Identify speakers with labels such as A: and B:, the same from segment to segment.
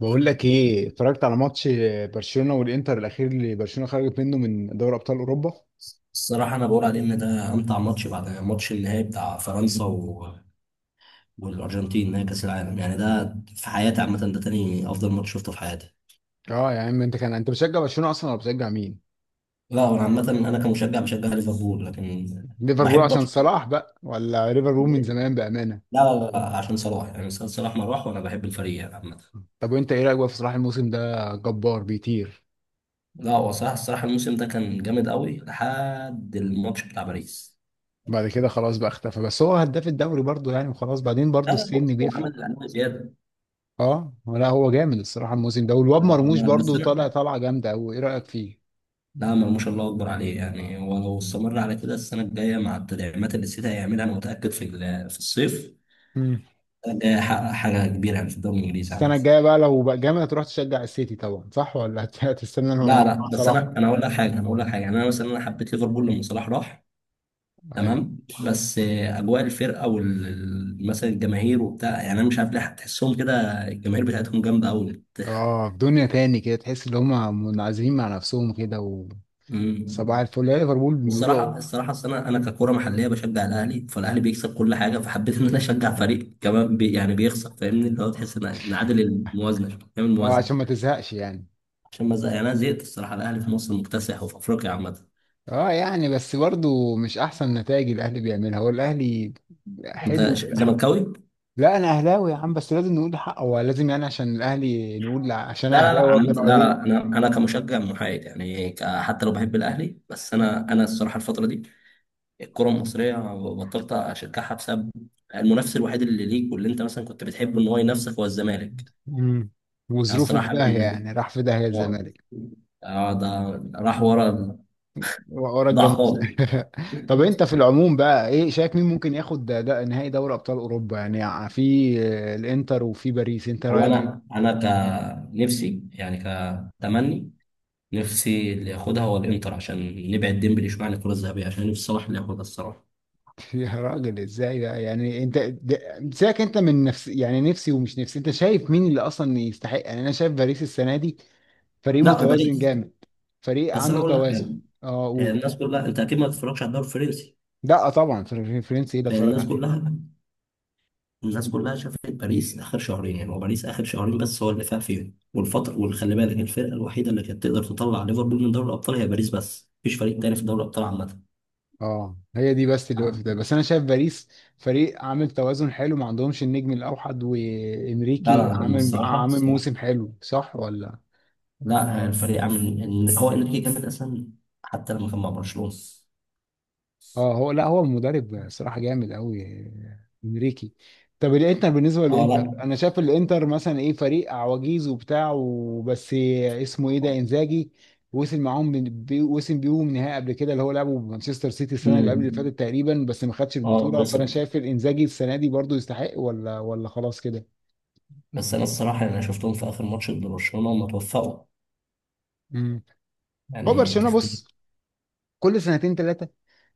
A: بقول لك ايه، اتفرجت على ماتش برشلونه والانتر الاخير اللي برشلونه خرجت منه من دوري ابطال اوروبا.
B: الصراحة أنا بقول عليه إن ده أمتع ماتش بعد ماتش النهائي بتاع فرنسا والأرجنتين، نهائي كأس العالم. يعني ده في حياتي عامة ده تاني أفضل ماتش شفته في حياتي.
A: اه يا عم، انت بتشجع برشلونه اصلا ولا بتشجع مين؟
B: لا، أنا عامة، أنا كمشجع بشجع ليفربول، لكن
A: ليفربول
B: بحب
A: عشان
B: برشلونة.
A: صلاح بقى، ولا ليفربول من
B: ليه؟
A: زمان بامانه؟
B: لا لا لا، عشان صلاح، يعني سيد صلاح ما راح وأنا بحب الفريق يعني عامة.
A: طب وانت ايه رايك بقى في صلاح؟ الموسم ده جبار، بيطير.
B: لا، هو صلاح الصراحة الموسم ده كان جامد قوي لحد الماتش بتاع باريس.
A: بعد كده خلاص بقى اختفى، بس هو هداف الدوري برضه يعني، وخلاص بعدين
B: لا
A: برضه
B: لا،
A: السن
B: هو عمل
A: بيفرق.
B: الألعاب زيادة.
A: اه لا هو جامد الصراحه الموسم ده، والواد
B: لا،
A: مرموش
B: بس
A: برضه
B: أنا،
A: طالع طالعه جامده قوي، ايه رايك
B: نعم، ما شاء الله، اكبر عليه. يعني ولو استمر على كده السنه الجايه مع التدعيمات اللي السيتي هيعملها، انا متاكد في في الصيف
A: فيه؟
B: الجاي هيحقق حاجه كبيره يعني في الدوري الانجليزي
A: السنة
B: عامة.
A: الجاية بقى لو بقى جامد هتروح تشجع السيتي طبعا، صح ولا هتستنى إنه
B: لا
A: مع
B: لا، بس انا
A: صلاح؟
B: انا هقول لك حاجه، يعني انا مثلا انا حبيت ليفربول لما صلاح راح،
A: ايوه.
B: تمام؟ بس اجواء الفرقه مثلا الجماهير وبتاع، يعني انا مش عارف ليه تحسهم كده. الجماهير بتاعتهم جامده
A: اه، في دنيا تاني كده تحس ان هم منعزلين مع نفسهم كده.
B: قوي.
A: وصباح الفل يا ليفربول، بيقولوا.
B: والصراحه، الصراحه اصل انا ككوره محليه بشجع الاهلي، فالاهلي بيكسب كل حاجه، فحبيت ان انا اشجع فريق كمان يعني بيخسر، فاهمني؟ اللي هو تحس إن عادل الموازنه شوية، نعمل
A: اه آه،
B: موازنه.
A: عشان ما تزهقش يعني.
B: عشان ما زهق، يعني انا زهقت الصراحه. الاهلي في مصر مكتسح وفي افريقيا عامه.
A: اه يعني، بس برضو مش احسن نتائج الاهلي بيعملها هو الاهلي.
B: انت
A: حلو.
B: زملكاوي؟
A: لا انا اهلاوي يا عم، بس لازم نقول حقه هو، لازم يعني عشان الاهلي نقول عشان
B: لا لا لا،
A: اهلاوي
B: عامه،
A: وابن
B: لا
A: عليه.
B: لا، انا كمشجع محايد، يعني حتى لو بحب الاهلي، بس انا الصراحه الفتره دي الكره المصريه بطلت اشجعها، بسبب المنافس الوحيد اللي ليك واللي انت مثلا كنت بتحبه ان هو ينافسك هو الزمالك.
A: مم.
B: يعني
A: وظروفه في
B: الصراحه،
A: داهية، يعني راح في داهية
B: اه،
A: الزمالك.
B: اه، ده راح ورا ال-
A: ورا
B: ضاع
A: الجاموس.
B: خالص.
A: طب انت في العموم بقى ايه، شايف مين ممكن ياخد ده نهائي دوري ابطال اوروبا يعني، في آه، الانتر وفي باريس، انت
B: هو
A: رايك
B: انا
A: ايه؟
B: انا كنفسي، يعني كتمني، نفسي اللي ياخدها هو الانتر عشان نبعد ديمبلي شويه عن الكره الذهبيه، عشان نفسي صلاح اللي ياخدها الصراحه.
A: يا راجل ازاي بقى يعني، سيبك انت من نفس يعني نفسي ومش نفسي، انت شايف مين اللي اصلا يستحق؟ يعني انا شايف باريس السنه دي فريق
B: لا،
A: متوازن
B: باريس.
A: جامد. فريق
B: بس انا
A: عنده
B: اقول لك حاجه،
A: توازن. اه،
B: هي
A: قول.
B: الناس كلها انت اكيد ما تتفرجش على الدوري الفرنسي.
A: لا طبعا، فرنسي ايه ده
B: لان
A: اتفرج
B: الناس
A: عليه.
B: كلها الناس كلها شافت باريس اخر شهرين. يعني هو باريس اخر شهرين بس هو اللي فاق فيهم، والفتره، وخلي بالك الفرقه الوحيده اللي كانت تقدر تطلع ليفربول من دوري الابطال هي باريس، بس مفيش فريق تاني في دوري الابطال عامه.
A: اه، هي دي بس اللي وقفت. بس انا شايف باريس فريق عامل توازن حلو، ما عندهمش النجم الاوحد،
B: لا لا
A: وانريكي
B: لا، هم
A: عامل
B: الصراحة
A: عامل
B: الصراحة
A: موسم حلو صح ولا؟
B: لا، الفريق عامل إن هو إنريكي جامد أصلا حتى لما كان مع برشلونة.
A: اه، هو لا هو المدرب صراحة جامد قوي، انريكي. طب الانتر، بالنسبة
B: اه.
A: للانتر
B: لا.
A: انا شايف الانتر مثلا ايه، فريق عواجيز وبتاع، وبس اسمه ايه ده انزاجي. وصل معاهم من- بي- وصل بيهم نهائي قبل كده، اللي هو لعبه بمانشستر سيتي السنه اللي قبل اللي
B: مم.
A: فاتت تقريبا، بس ما خدش
B: اه،
A: البطوله،
B: خسر.
A: فانا شايف الانزاجي السنه دي برضو يستحق ولا خلاص كده؟
B: بس أنا الصراحة يعني أنا شفتهم في آخر ماتش ضد برشلونة، هم توفقوا
A: مم. هو
B: يعني،
A: برشلونه
B: تختلف.
A: بص، كل سنتين ثلاثه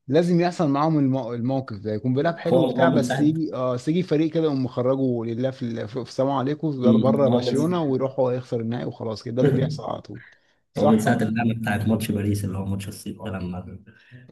A: لازم يحصل معاهم الموقف ده، يكون بيلعب
B: هو
A: حلو
B: هو
A: وبتاع،
B: من
A: بس
B: ساعة.
A: يجي اه بس يجي فريق كده، يقوم مخرجه لله في السلام عليكم بره
B: مم. هو من
A: برشلونه، ويروح هو يخسر النهائي وخلاص كده، ده اللي بيحصل على طول.
B: هو من
A: صح
B: ساعة
A: هو.
B: اللعنة بتاعت ماتش باريس، اللي هو ماتش الصيف ده لما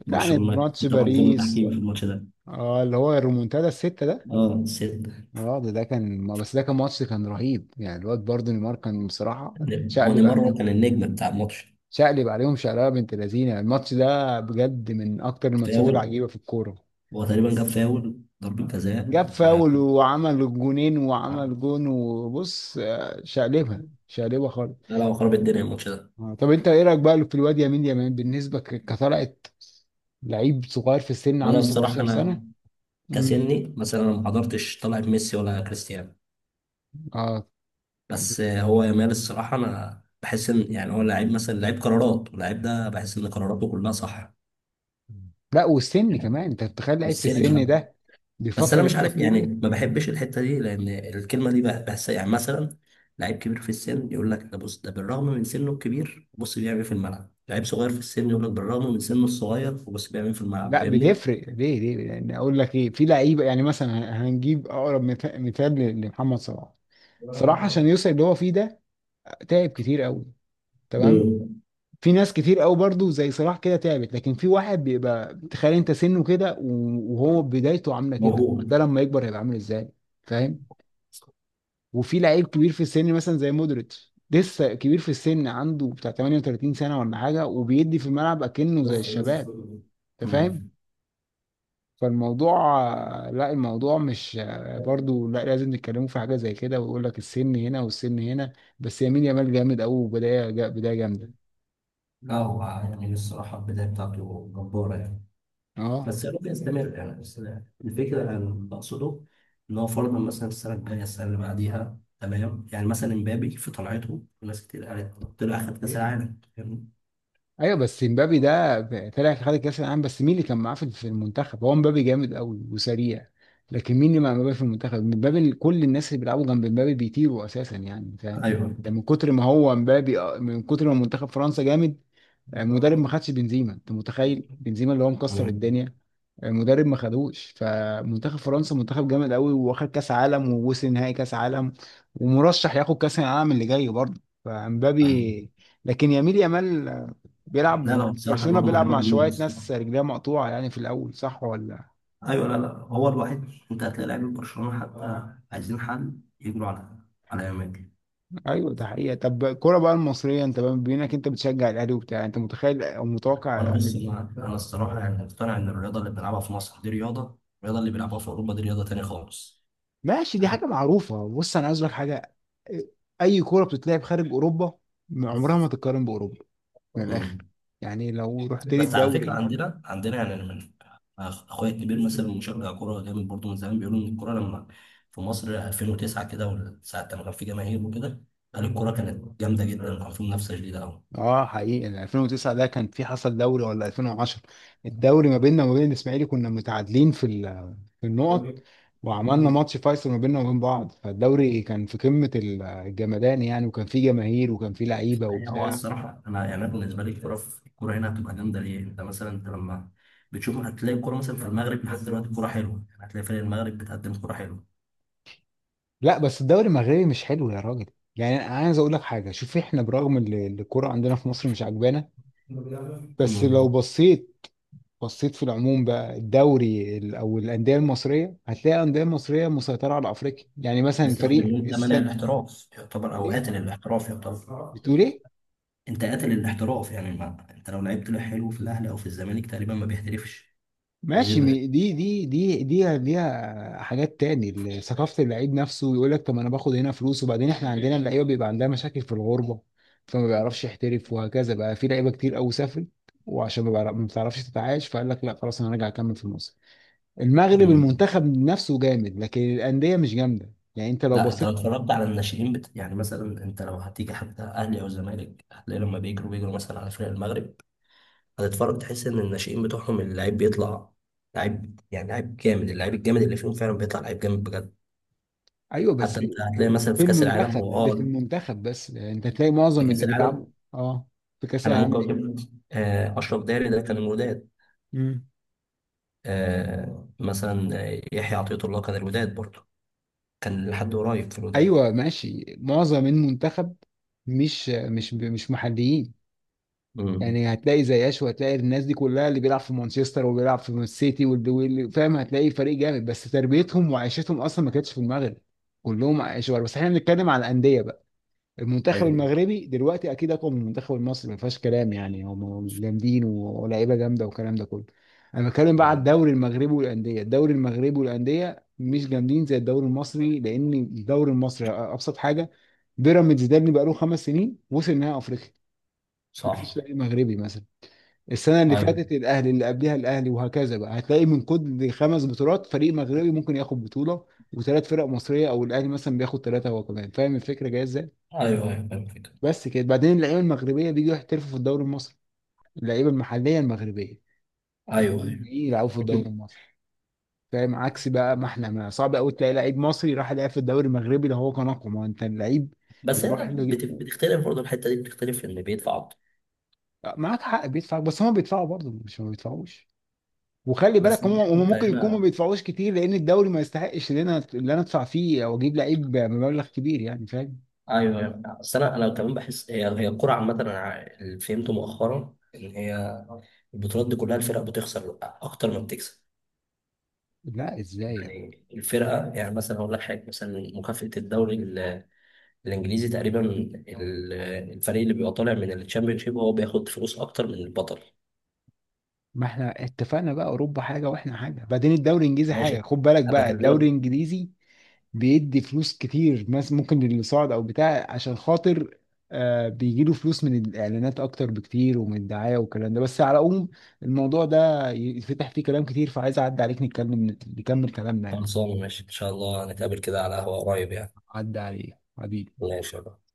A: يعني
B: برشلونة كان،
A: ماتش
B: في طبعا ظلم
A: باريس.
B: تحكيمي في الماتش ده.
A: اه، اللي هو الريمونتادا السته ده.
B: اه، الصيف
A: اه، ده كان ماتش كان رهيب يعني، الواد برضه نيمار كان بصراحه.
B: ده. هو
A: شقلب
B: نيمار هو
A: عليهم
B: كان النجم بتاع الماتش.
A: شقلب عليهم شقلبه بنت لذينه، الماتش ده بجد من اكتر الماتشات
B: فاول.
A: العجيبه في الكوره.
B: هو تقريبا جاب فاول ضربة جزاء.
A: جاب
B: و...
A: فاول، وعمل جونين، وعمل جون وبص آه، شقلبها شقلبها خالص.
B: لا لا، هو خرب الدنيا الماتش ده.
A: آه، طب انت ايه رايك بقى في الواد يمين يمين، بالنسبه كطلعت، لعيب صغير في السن
B: وانا
A: عنده
B: الصراحه
A: 17
B: انا
A: سنه. امم
B: كسني مثلا انا ما حضرتش طلعه ميسي ولا كريستيانو،
A: اه
B: بس هو يامال الصراحه انا بحس ان يعني هو لعيب مثلا لعيب قرارات، واللعيب ده بحس ان قراراته كلها صح.
A: لا، والسن كمان انت تخيل لعيب في
B: والسن
A: السن
B: بقى.
A: ده
B: بس انا
A: بيفكر
B: مش عارف،
A: التفكير
B: يعني
A: ده.
B: ما
A: مم.
B: بحبش الحته دي، لان الكلمه دي بحسها، يعني مثلا لعيب كبير في السن يقول لك ده، بص ده بالرغم من سنه الكبير بص بيعمل إيه في الملعب، لعيب صغير في السن يقول لك بالرغم من سنه الصغير وبص بيعمل إيه في الملعب.
A: لا
B: فاهمني؟
A: بتفرق، ليه؟ لان اقول لك ايه، في لعيبه يعني مثلا هنجيب اقرب مثال لمحمد صلاح. صلاح عشان يوصل اللي هو فيه ده تعب كتير قوي. تمام.
B: امم.
A: في ناس كتير قوي برضو زي صلاح كده تعبت، لكن في واحد بيبقى، تخيل انت سنه كده وهو بدايته عامله كده،
B: موهوب.
A: ده لما يكبر هيبقى عامل ازاي، فاهم؟ وفي لعيب كبير في السن مثلا زي مودريتش، لسه كبير في السن عنده بتاع 38 سنه ولا حاجه، وبيدي في الملعب اكنه زي الشباب. انت فاهم.
B: مم.
A: فالموضوع. لا الموضوع مش، برضو لا لازم نتكلموا في حاجه زي كده ويقول لك السن هنا والسن هنا. بس يمين يامال جامد قوي، وبدايه جامده.
B: لا، هو يعني الصراحة البداية بتاعته جبارة يعني،
A: اه.
B: بس يا رب يستمر يعني. بس الفكرة اللي أنا بقصده إن هو فرضا مثلا السنة الجاية، السنة اللي بعديها، تمام؟ يعني مثلا امبابي في طلعته ناس كتير قالت طلع أخد كأس العالم، فاهمني؟
A: ايوه، بس مبابي ده طلع خد كاس العالم، بس مين اللي كان معاه في المنتخب؟ هو مبابي جامد قوي وسريع. لكن مين اللي مع مبابي في المنتخب؟ كل الناس اللي بيلعبوا جنب مبابي بيطيروا اساسا يعني، فاهم؟
B: أيوه.
A: ده من كتر ما منتخب فرنسا جامد. مدرب ما خدش بنزيما، انت متخيل بنزيما اللي هو مكسر
B: مم.
A: الدنيا. مدرب ما خدوش، فمنتخب فرنسا منتخب جامد قوي، واخد كاس عالم، ووصل نهائي كاس عالم. ومرشح ياخد كاس العالم اللي جاي برضه،
B: أيوه،
A: فامبابي. لكن يميل يامال
B: لا
A: بيلعب
B: لا، بصراحة
A: برشلونة،
B: الواد
A: بيلعب
B: موهبة
A: مع
B: مليون
A: شوية
B: بصراحة.
A: ناس رجليها مقطوعة يعني في الأول، صح ولا؟
B: أيوه، لا لا، هو الوحيد. أنت هتلاقي لعيبة برشلونة حتى عايزين حل يجروا على إمبابي.
A: أيوه، ده حقيقة. طب الكورة بقى المصرية، أنت بما إنك أنت بتشجع الأهلي وبتاع، أنت متخيل أو
B: وأنا
A: متوقع؟
B: بص، أنا الصراحة يعني مقتنع إن الرياضة اللي بنلعبها في مصر دي الرياضة اللي بيلعبوها في أوروبا دي رياضة تانية خالص.
A: ماشي، دي حاجة معروفة، بص أنا عايز لك حاجة. أي كورة بتتلعب خارج أوروبا
B: يعني
A: عمرها ما تتقارن بأوروبا، من الآخر. يعني لو رحت لي
B: بس على فكره،
A: الدوري.
B: عندنا يعني انا من أخ- اخويا الكبير، مثلا مشجع كوره جامد برضه من زمان، بيقولوا ان الكوره لما في مصر 2009 كده، وساعه لما كان في جماهير وكده، قال الكوره كانت جامده جدا وكان في منافسه شديده قوي.
A: اه حقيقي، ال 2009 ده كان في حصل دوري، ولا 2010؟ الدوري ما بيننا وما بين الإسماعيلي كنا متعادلين في النقط. وعملنا ماتش فيصل ما بيننا وبين بعض، فالدوري كان في قمة الجمدان يعني، وكان فيه جماهير، وكان فيه لعيبة
B: هو
A: وبتاع.
B: الصراحة أنا يعني، أنا بالنسبة لي في الكورة هنا هتبقى جامدة ليه؟ أنت مثلا أنت لما بتشوف هتلاقي الكورة مثلا في المغرب لحد دلوقتي الكورة حلوة، يعني هتلاقي فريق المغرب بتقدم كورة حلوة.
A: لا بس الدوري المغربي مش حلو يا راجل. يعني انا عايز اقول لك حاجه، شوف احنا برغم ان الكوره عندنا في مصر مش عجبانا. بس لو
B: امم.
A: بصيت في العموم بقى الدوري او الانديه المصريه، هتلاقي الانديه المصريه مسيطره على افريقيا، يعني مثلا
B: بسبب
A: فريق
B: إن أنت مانع
A: السنه.
B: الاحتراف يعتبر، أو
A: ايه؟
B: قاتل الاحتراف يعتبر.
A: بتقول ايه؟
B: انت قاتل الاحتراف، يعني ما انت لو لعبت له حلو في الاهلي او في الزمالك تقريبا ما بيحترفش.
A: ماشي،
B: غير.
A: دي ليها حاجات تاني، ثقافة اللعيب نفسه يقول لك طب ما انا باخد هنا فلوس، وبعدين احنا عندنا اللعيبة بيبقى عندها مشاكل في الغربة. فما بيعرفش يحترف، وهكذا بقى في لعيبة كتير قوي سافرت. وعشان ما بتعرفش تتعايش، فقال لك لا خلاص انا راجع اكمل في مصر. المغرب
B: مم.
A: المنتخب نفسه جامد، لكن الأندية مش جامدة يعني انت لو
B: لا انت لو
A: بصيت.
B: اتفرجت على الناشئين يعني مثلا، انت لو هتيجي حتى اهلي او زمالك هتلاقي لما بيجروا مثلا على فرق المغرب، هتتفرج تحس ان الناشئين بتوعهم اللعيب بيطلع لعيب، يعني لعيب جامد. اللعيب الجامد اللي فيهم فعلا بيطلع لعيب جامد بجد.
A: ايوه بس
B: حتى انت هتلاقي مثلا
A: في المنتخب، اللي في المنتخب بس يعني انت تلاقي
B: في
A: معظم
B: كاس
A: اللي بيلعبوا
B: العالم
A: اه في كأس
B: انا
A: العالم.
B: ممكن اقول لك، اشرف داري ده كان الوداد،
A: ايه،
B: مثلا يحيى عطية الله كان الوداد برضه، كان لحد قريب في الوداد.
A: ايوه ماشي، معظم المنتخب مش محليين.
B: امم.
A: يعني هتلاقي زي اشو، هتلاقي الناس دي كلها اللي بيلعب في مانشستر وبيلعب في السيتي واللي فاهم، هتلاقي فريق جامد، بس تربيتهم وعيشتهم اصلا ما كانتش في المغرب. كلهم عايشوا بره. بس احنا بنتكلم على الانديه بقى. المنتخب
B: ايوه.
A: المغربي دلوقتي اكيد اقوى من المنتخب المصري ما فيهاش كلام يعني، هم جامدين ولاعيبه جامده والكلام ده كله. انا بتكلم بقى على
B: أمم.
A: الدوري المغربي والانديه، الدوري المغربي والانديه مش جامدين زي الدوري المصري، لان الدوري المصري ابسط حاجه. بيراميدز ده اللي بقاله 5 سنين وصل نهائي افريقيا. ما فيش
B: صح.
A: فريق مغربي مثلا. السنه اللي
B: ايوه.
A: فاتت الاهلي، اللي قبلها الاهلي، وهكذا بقى. هتلاقي من كل خمس بطولات فريق مغربي ممكن ياخد بطوله. وثلاث فرق مصريه، او الاهلي مثلا بياخد ثلاثه هو كمان، فاهم الفكره جايه ازاي؟
B: ايوه، ايوه، فاهم الفكرة.
A: بس كده. بعدين اللعيبه المغربيه بيجوا يحترفوا في الدوري المصري، اللعيبه المحليه المغربيه.
B: ايوه،
A: هتلاقيهم
B: ايوه.
A: جايين يلعبوا في الدوري
B: مم.
A: المصري. فاهم عكس بقى، ما احنا، ما صعب قوي تلاقي لعيب مصري راح يلعب في الدوري المغربي، ده هو كان اقوى ما هو انت اللعيب.
B: بس هنا
A: بيروح ل...
B: بتختلف برضه الحته دي، بتختلف في اللي بيدفع اكتر.
A: معاك حق بيدفع، بس هم بيدفعوا برضه مش ما بيدفعوش. وخلي
B: بس
A: بالك هم
B: انت
A: ممكن يكونوا ما
B: هنا،
A: بيدفعوش كتير، لان الدوري ما يستحقش ان انا ادفع فيه او اجيب لعيب بمبلغ كبير يعني، فاهم؟
B: ايوه ايوه، بس انا كمان بحس هي الكوره عامه، انا اللي فهمته مؤخرا ان هي البطولات دي كلها الفرق بتخسر اكتر ما بتكسب.
A: لا ازاي يعني؟
B: يعني الفرقه، يعني مثلا هقول لك حاجه، مثلا مكافاه الدوري الانجليزي تقريبا الفريق اللي بيبقى طالع من الشامبيونشيب هو بياخد فلوس اكتر من البطل.
A: ما احنا اتفقنا بقى، اوروبا حاجه واحنا حاجه، بعدين الدوري الانجليزي حاجه،
B: ماشي،
A: خد بالك
B: هبقى
A: بقى. الدوري
B: اكلمك.
A: الانجليزي بيدي فلوس كتير مثلا ممكن للي صعد او بتاع عشان خاطر، آه، بيجي له فلوس من الاعلانات اكتر بكتير ومن الدعايه والكلام ده. بس على العموم الموضوع ده يفتح فيه كلام كتير، فعايز اعدي عليك نتكلم نكمل كلامنا يعني.
B: خلصانه، ماشي، ان شاء الله نتقابل كده على قهوه قريب يعني.
A: عدى عليك حبيبي.
B: ماشي.